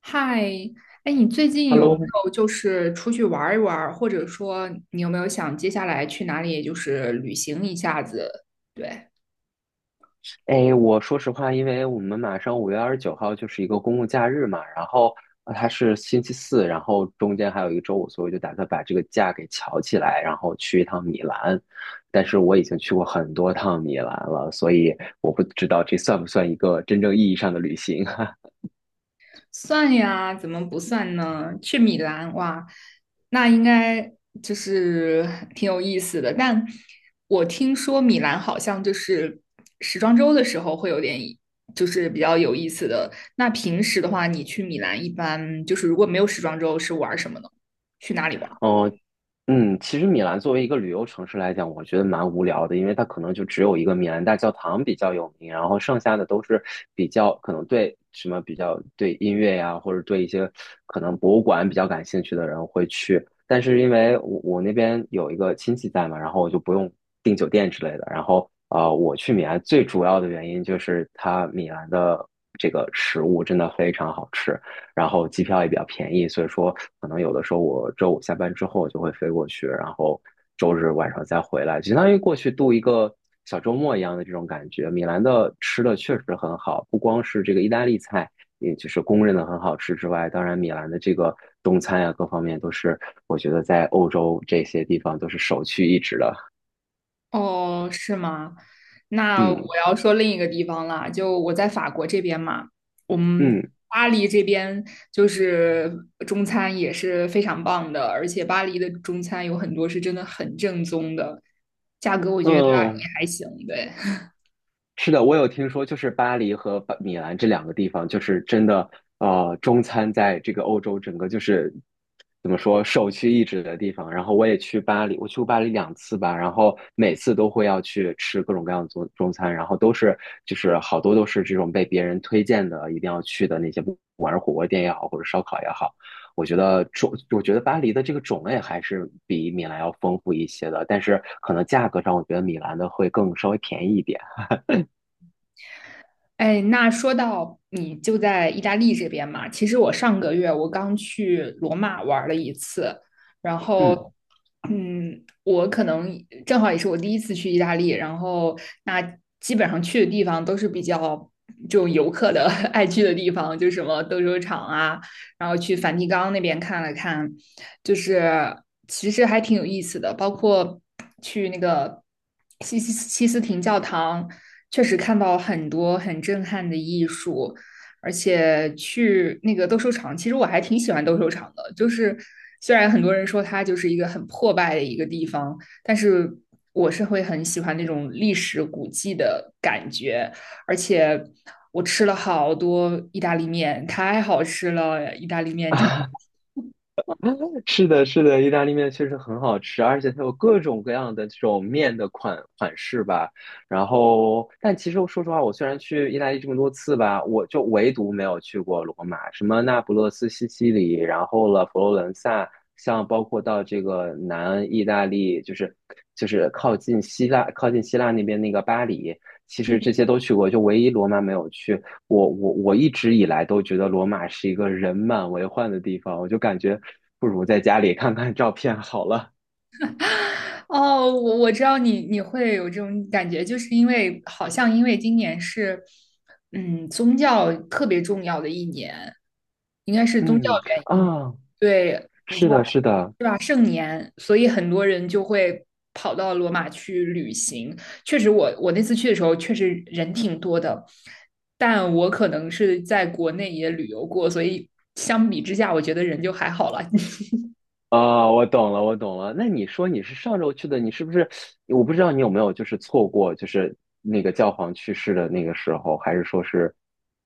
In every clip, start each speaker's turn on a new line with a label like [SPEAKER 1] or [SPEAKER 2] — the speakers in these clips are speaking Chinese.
[SPEAKER 1] 嗨，哎，你最近有没嗯
[SPEAKER 2] Hello，
[SPEAKER 1] 有就是出去玩儿一玩儿，或者说你有没有想接下来去哪里就是旅行一下子？对，
[SPEAKER 2] 哎，我说实话，因为我们马上5月29号就是一个公共假日嘛，然后它是星期四，然后中间还有一个周五，所以我就打算把这个假给翘起来，然后去一趟米兰。但是我已经去过很多趟米兰了，所以我不知道这算不算一个真正意义上的旅行。
[SPEAKER 1] 算呀，怎么不算呢？去米兰，哇，那应该就是 挺有意思的。但我听说米兰好像就是时装周的时候会有点，就是比较有意思的。那平时的话，你去米兰一般就是如果没有时装周是玩儿什么呢？去哪里玩。
[SPEAKER 2] 哦，嗯，其实米兰作为一个旅游城市来讲，我觉得蛮无聊的，因为它可能就只有一个米兰大教堂比较有名，然后剩下的都是比较可能对什么比较对音乐呀，或者对一些可能博物馆比较感兴趣的人会去。但是因为我那边有一个亲戚在嘛，然后我就不用订酒店之类的。然后我去米兰最主要的原因就是它米兰的这个食物真的非常好吃。然后机票也比较便宜，所以说可能有的时候我周五下班之后就会飞过去，然后周日晚上再回来，相当于过去度一个小周末一样的这种感觉。米兰的吃的确实很好，不光是这个意大利菜，也就是公认的很好吃之外，当然米兰的这个中餐呀、各方面都是我觉得在欧洲这些地方都是首屈一指的。
[SPEAKER 1] 哦，是吗？那我
[SPEAKER 2] 嗯
[SPEAKER 1] 要说另一个地方了，就我在法国这边嘛，我们
[SPEAKER 2] 嗯。
[SPEAKER 1] 巴黎这边就是中餐也是非常棒的，而且巴黎的中餐有很多是真的很正宗的，价格我
[SPEAKER 2] 嗯，
[SPEAKER 1] 觉得也还行，对。
[SPEAKER 2] 是的，我有听说，就是巴黎和米兰这两个地方，就是真的，中餐在这个欧洲整个就是怎么说首屈一指的地方。然后我也去巴黎，我去过巴黎两次吧，然后每次都会要去吃各种各样的中餐，然后都是就是好多都是这种被别人推荐的，一定要去的那些，不管是火锅店也好，或者烧烤也好，我觉得巴黎的这个种类还是比米兰要丰富一些的，但是可能价格上，我觉得米兰的会更稍微便宜一点，
[SPEAKER 1] 哎，那说到你就在意大利这边嘛，其实我上个月我刚去罗马玩了一次，然
[SPEAKER 2] 嗯。
[SPEAKER 1] 后，我可能正好也是我第一次去意大利，然后那基本上去的地方都是比较就游客的 爱去的地方，就什么斗兽场啊，然后去梵蒂冈那边看了看，就是其实还挺有意思的，包括去那个西斯廷教堂。确实看到很多很震撼的艺术，而且去那个斗兽场，其实我还挺喜欢斗兽场的。就是虽然很多人说它就是一个很破败的一个地方，但是我是会很喜欢那种历史古迹的感觉。而且我吃了好多意大利面，太好吃了，意大利面 真的。
[SPEAKER 2] 啊，是的，是的，意大利面确实很好吃，而且它有各种各样的这种面的款式吧。然后，但其实我说实话，我虽然去意大利这么多次吧，我就唯独没有去过罗马，什么那不勒斯、西西里，然后了佛罗伦萨，像包括到这个南意大利，就是靠近希腊、那边那个巴黎，其实这些都去过，就唯一罗马没有去。我一直以来都觉得罗马是一个人满为患的地方，我就感觉不如在家里看看照片好了。
[SPEAKER 1] 哦，我知道你会有这种感觉，就是因为好像因为今年是，宗教特别重要的一年，应该是宗教
[SPEAKER 2] 嗯
[SPEAKER 1] 原因，
[SPEAKER 2] 啊，
[SPEAKER 1] 对，你知
[SPEAKER 2] 是
[SPEAKER 1] 道
[SPEAKER 2] 的，是的，
[SPEAKER 1] 是吧？圣年，所以很多人就会跑到罗马去旅行。确实我，我那次去的时候，确实人挺多的，但我可能是在国内也旅游过，所以相比之下，我觉得人就还好了。
[SPEAKER 2] 啊，我懂了，我懂了。那你说你是上周去的，你是不是？我不知道你有没有就是错过，就是那个教皇去世的那个时候，还是说是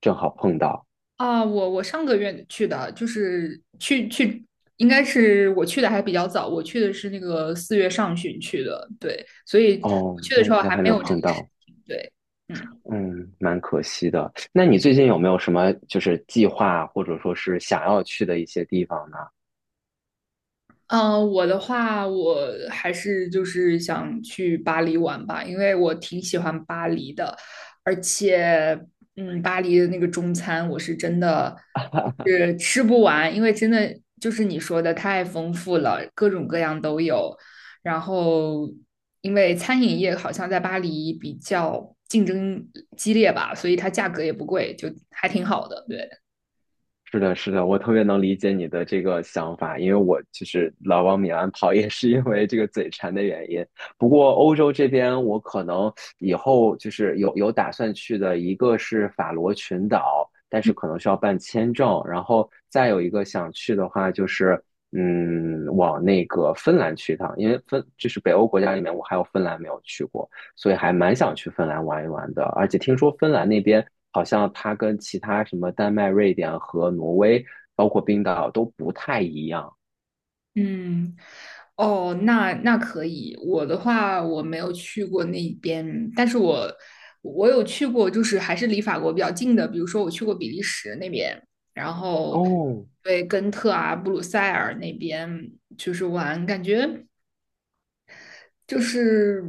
[SPEAKER 2] 正好碰到？
[SPEAKER 1] 啊，我我上个月去的，就是去，应该是我去的还比较早，我去的是那个4月上旬去的，对，所以我
[SPEAKER 2] 哦，
[SPEAKER 1] 去的
[SPEAKER 2] 那
[SPEAKER 1] 时
[SPEAKER 2] 应
[SPEAKER 1] 候
[SPEAKER 2] 该
[SPEAKER 1] 还
[SPEAKER 2] 还
[SPEAKER 1] 没
[SPEAKER 2] 没有
[SPEAKER 1] 有这
[SPEAKER 2] 碰
[SPEAKER 1] 个事
[SPEAKER 2] 到，
[SPEAKER 1] 情，对，嗯。
[SPEAKER 2] 嗯，蛮可惜的。那你最近有没有什么就是计划，或者说是想要去的一些地方呢？
[SPEAKER 1] 嗯，我的话，我还是就是想去巴黎玩吧，因为我挺喜欢巴黎的，而且，巴黎的那个中餐我是真的就是吃不完，因为真的就是你说的太丰富了，各种各样都有。然后，因为餐饮业好像在巴黎比较竞争激烈吧，所以它价格也不贵，就还挺好的，对。
[SPEAKER 2] 是的，是的，我特别能理解你的这个想法，因为我其实老往米兰跑 也是因为这个嘴馋的原因。不过欧洲这边，我可能以后就是有打算去的，一个是法罗群岛，但是可能需要办签证，然后再有一个想去的话就是，嗯，往那个芬兰去一趟，因为就是北欧国家里面，我还有芬兰没有去过。所以还蛮想去芬兰玩一玩的。而且听说芬兰那边好像它跟其他什么丹麦、瑞典和挪威，包括冰岛都不太一样。
[SPEAKER 1] 嗯，哦，那那可以。我的话，我没有去过那边，但是我我有去过，就是还是离法国比较近的，比如说我去过比利时那边，然后
[SPEAKER 2] 哦，
[SPEAKER 1] 对根特啊、布鲁塞尔那边就是玩，感觉就是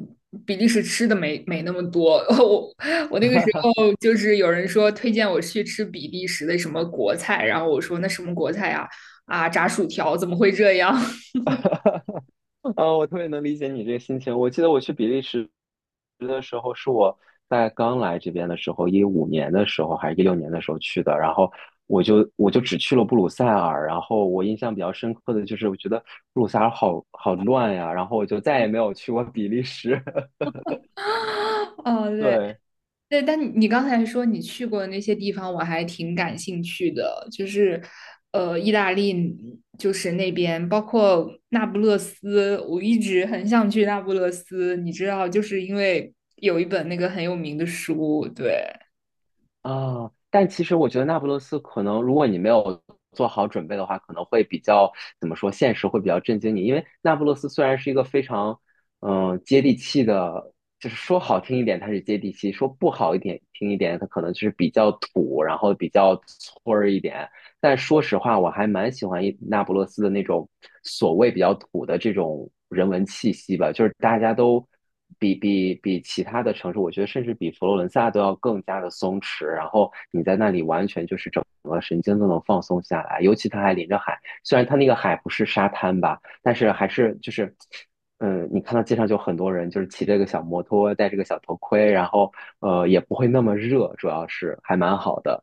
[SPEAKER 1] 比利时吃的没那么多。我我那个时候就是有人说推荐我去吃比利时的什么国菜，然后我说那什么国菜呀、啊？炸薯条怎么会这样？
[SPEAKER 2] 啊，我特别能理解你这个心情。我记得我去比利时的时候，是我在刚来这边的时候，15年的时候还是16年的时候去的，然后。我就只去了布鲁塞尔，然后我印象比较深刻的就是，我觉得布鲁塞尔好好乱呀，然后我就再也没有去过比利时。
[SPEAKER 1] 哦，对
[SPEAKER 2] 对，
[SPEAKER 1] 对，但你刚才说你去过的那些地方，我还挺感兴趣的，就是意大利，就是那边，包括那不勒斯，我一直很想去那不勒斯，你知道，就是因为有一本那个很有名的书，对。
[SPEAKER 2] 啊，但其实我觉得那不勒斯可能，如果你没有做好准备的话，可能会比较怎么说，现实会比较震惊你。因为那不勒斯虽然是一个非常接地气的，就是说好听一点它是接地气，说不好一点听一点，它可能就是比较土，然后比较村儿一点。但说实话，我还蛮喜欢那不勒斯的那种所谓比较土的这种人文气息吧，就是大家都比其他的城市，我觉得甚至比佛罗伦萨都要更加的松弛。然后你在那里完全就是整个神经都能放松下来，尤其它还临着海，虽然它那个海不是沙滩吧，但是还是就是。嗯，你看到街上就很多人，就是骑着个小摩托，戴这个小头盔，然后也不会那么热，主要是还蛮好的。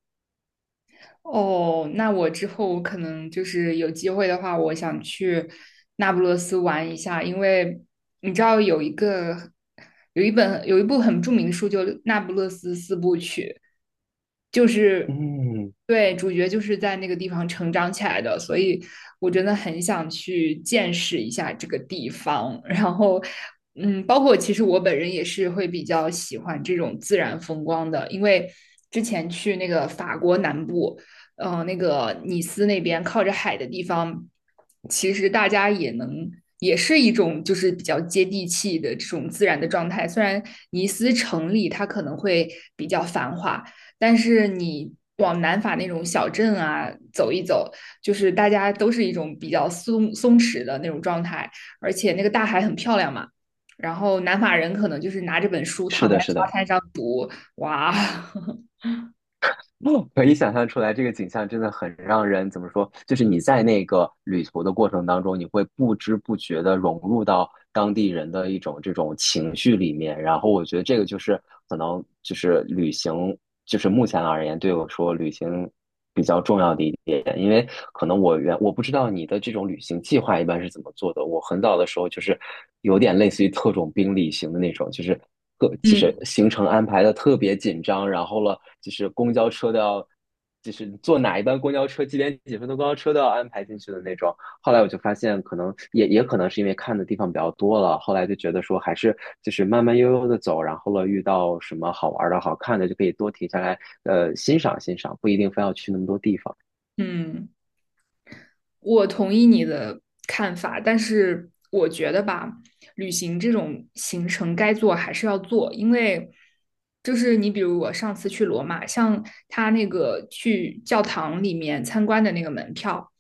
[SPEAKER 1] 哦，那我之后可能就是有机会的话，我想去那不勒斯玩一下，因为你知道有一个有一本有一部很著名的书，就《那不勒斯四部曲》，就是
[SPEAKER 2] 嗯，
[SPEAKER 1] 对主角就是在那个地方成长起来的，所以我真的很想去见识一下这个地方。然后，嗯，包括其实我本人也是会比较喜欢这种自然风光的，因为之前去那个法国南部。那个尼斯那边靠着海的地方，其实大家也能。也是一种就是比较接地气的这种自然的状态。虽然尼斯城里它可能会比较繁华，但是你往南法那种小镇啊走一走，就是大家都是一种比较松弛的那种状态，而且那个大海很漂亮嘛。然后南法人可能就是拿着本书躺
[SPEAKER 2] 是
[SPEAKER 1] 在
[SPEAKER 2] 的，是
[SPEAKER 1] 沙
[SPEAKER 2] 的，
[SPEAKER 1] 滩上读，哇，
[SPEAKER 2] 可以想象出来，这个景象真的很让人怎么说？就是你在那个旅途的过程当中，你会不知不觉的融入到当地人的一种这种情绪里面。然后我觉得这个就是可能就是旅行，就是目前而言对我说旅行比较重要的一点，因为可能我不知道你的这种旅行计划一般是怎么做的。我很早的时候就是有点类似于特种兵旅行的那种，就是特 就是
[SPEAKER 1] 嗯
[SPEAKER 2] 行程安排的特别紧张，然后了就是公交车都要，就是坐哪一班公交车几点几分的公交车都要安排进去的那种。后来我就发现，可能也可能是因为看的地方比较多了，后来就觉得说还是就是慢慢悠悠的走，然后了遇到什么好玩的、好看的，就可以多停下来，欣赏欣赏，不一定非要去那么多地方。
[SPEAKER 1] 嗯。我同意你的看法，但是我觉得吧，旅行这种行程该做还是要做，因为就是你比如我上次去罗马，像他那个去教堂里面参观的那个门票，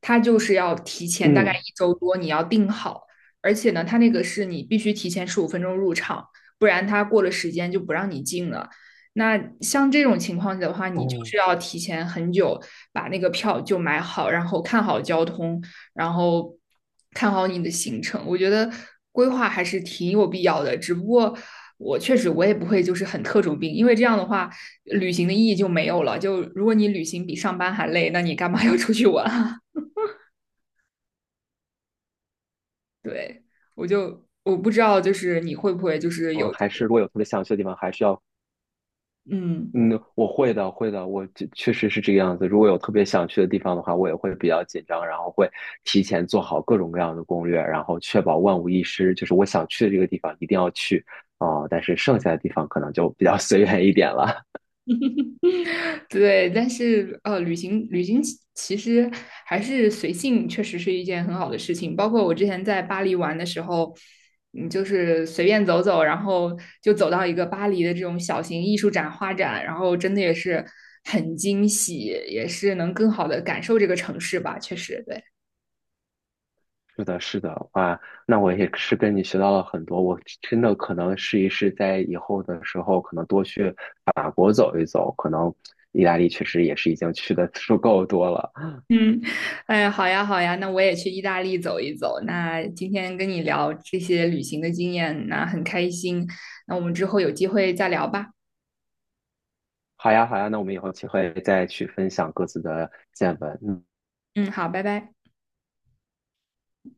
[SPEAKER 1] 他就是要提前大概
[SPEAKER 2] 嗯，
[SPEAKER 1] 一周多你要订好，而且呢，他那个是你必须提前15分钟入场，不然他过了时间就不让你进了。那像这种情况的话，你就
[SPEAKER 2] 哦，
[SPEAKER 1] 是要提前很久把那个票就买好，然后看好交通，然后看好你的行程。我觉得规划还是挺有必要的，只不过我确实我也不会就是很特种兵，因为这样的话旅行的意义就没有了。就如果你旅行比上班还累，那你干嘛 要出去玩啊？对，我就我不知道，就是你会不会就是
[SPEAKER 2] 嗯，
[SPEAKER 1] 有
[SPEAKER 2] 还是如果有特别想去的地方，还是要
[SPEAKER 1] 嗯。
[SPEAKER 2] 嗯，我会的，会的，我这确实是这个样子。如果有特别想去的地方的话，我也会比较紧张，然后会提前做好各种各样的攻略，然后确保万无一失。就是我想去的这个地方一定要去哦，但是剩下的地方可能就比较 随缘一点了。
[SPEAKER 1] 对，但是呃，旅行其实还是随性，确实是一件很好的事情。包括我之前在巴黎玩的时候，就是随便走走，然后就走到一个巴黎的这种小型艺术展、画展，然后真的也是很惊喜，也是能更好的感受这个城市吧。确实，对，
[SPEAKER 2] 是的，是的，哇，那我也是跟你学到了很多。我真的可能试一试，在以后的时候可能多去法国走一走，可能意大利确实也是已经去的足够多了。
[SPEAKER 1] 哎，好呀，好呀，那我也去意大利走一走。那今天跟你聊这些旅行的经验，那很开心。那我们之后有机会再聊吧。
[SPEAKER 2] 好呀，好呀，那我们以后有机会再去分享各自的见闻。嗯
[SPEAKER 1] 嗯，好，拜拜。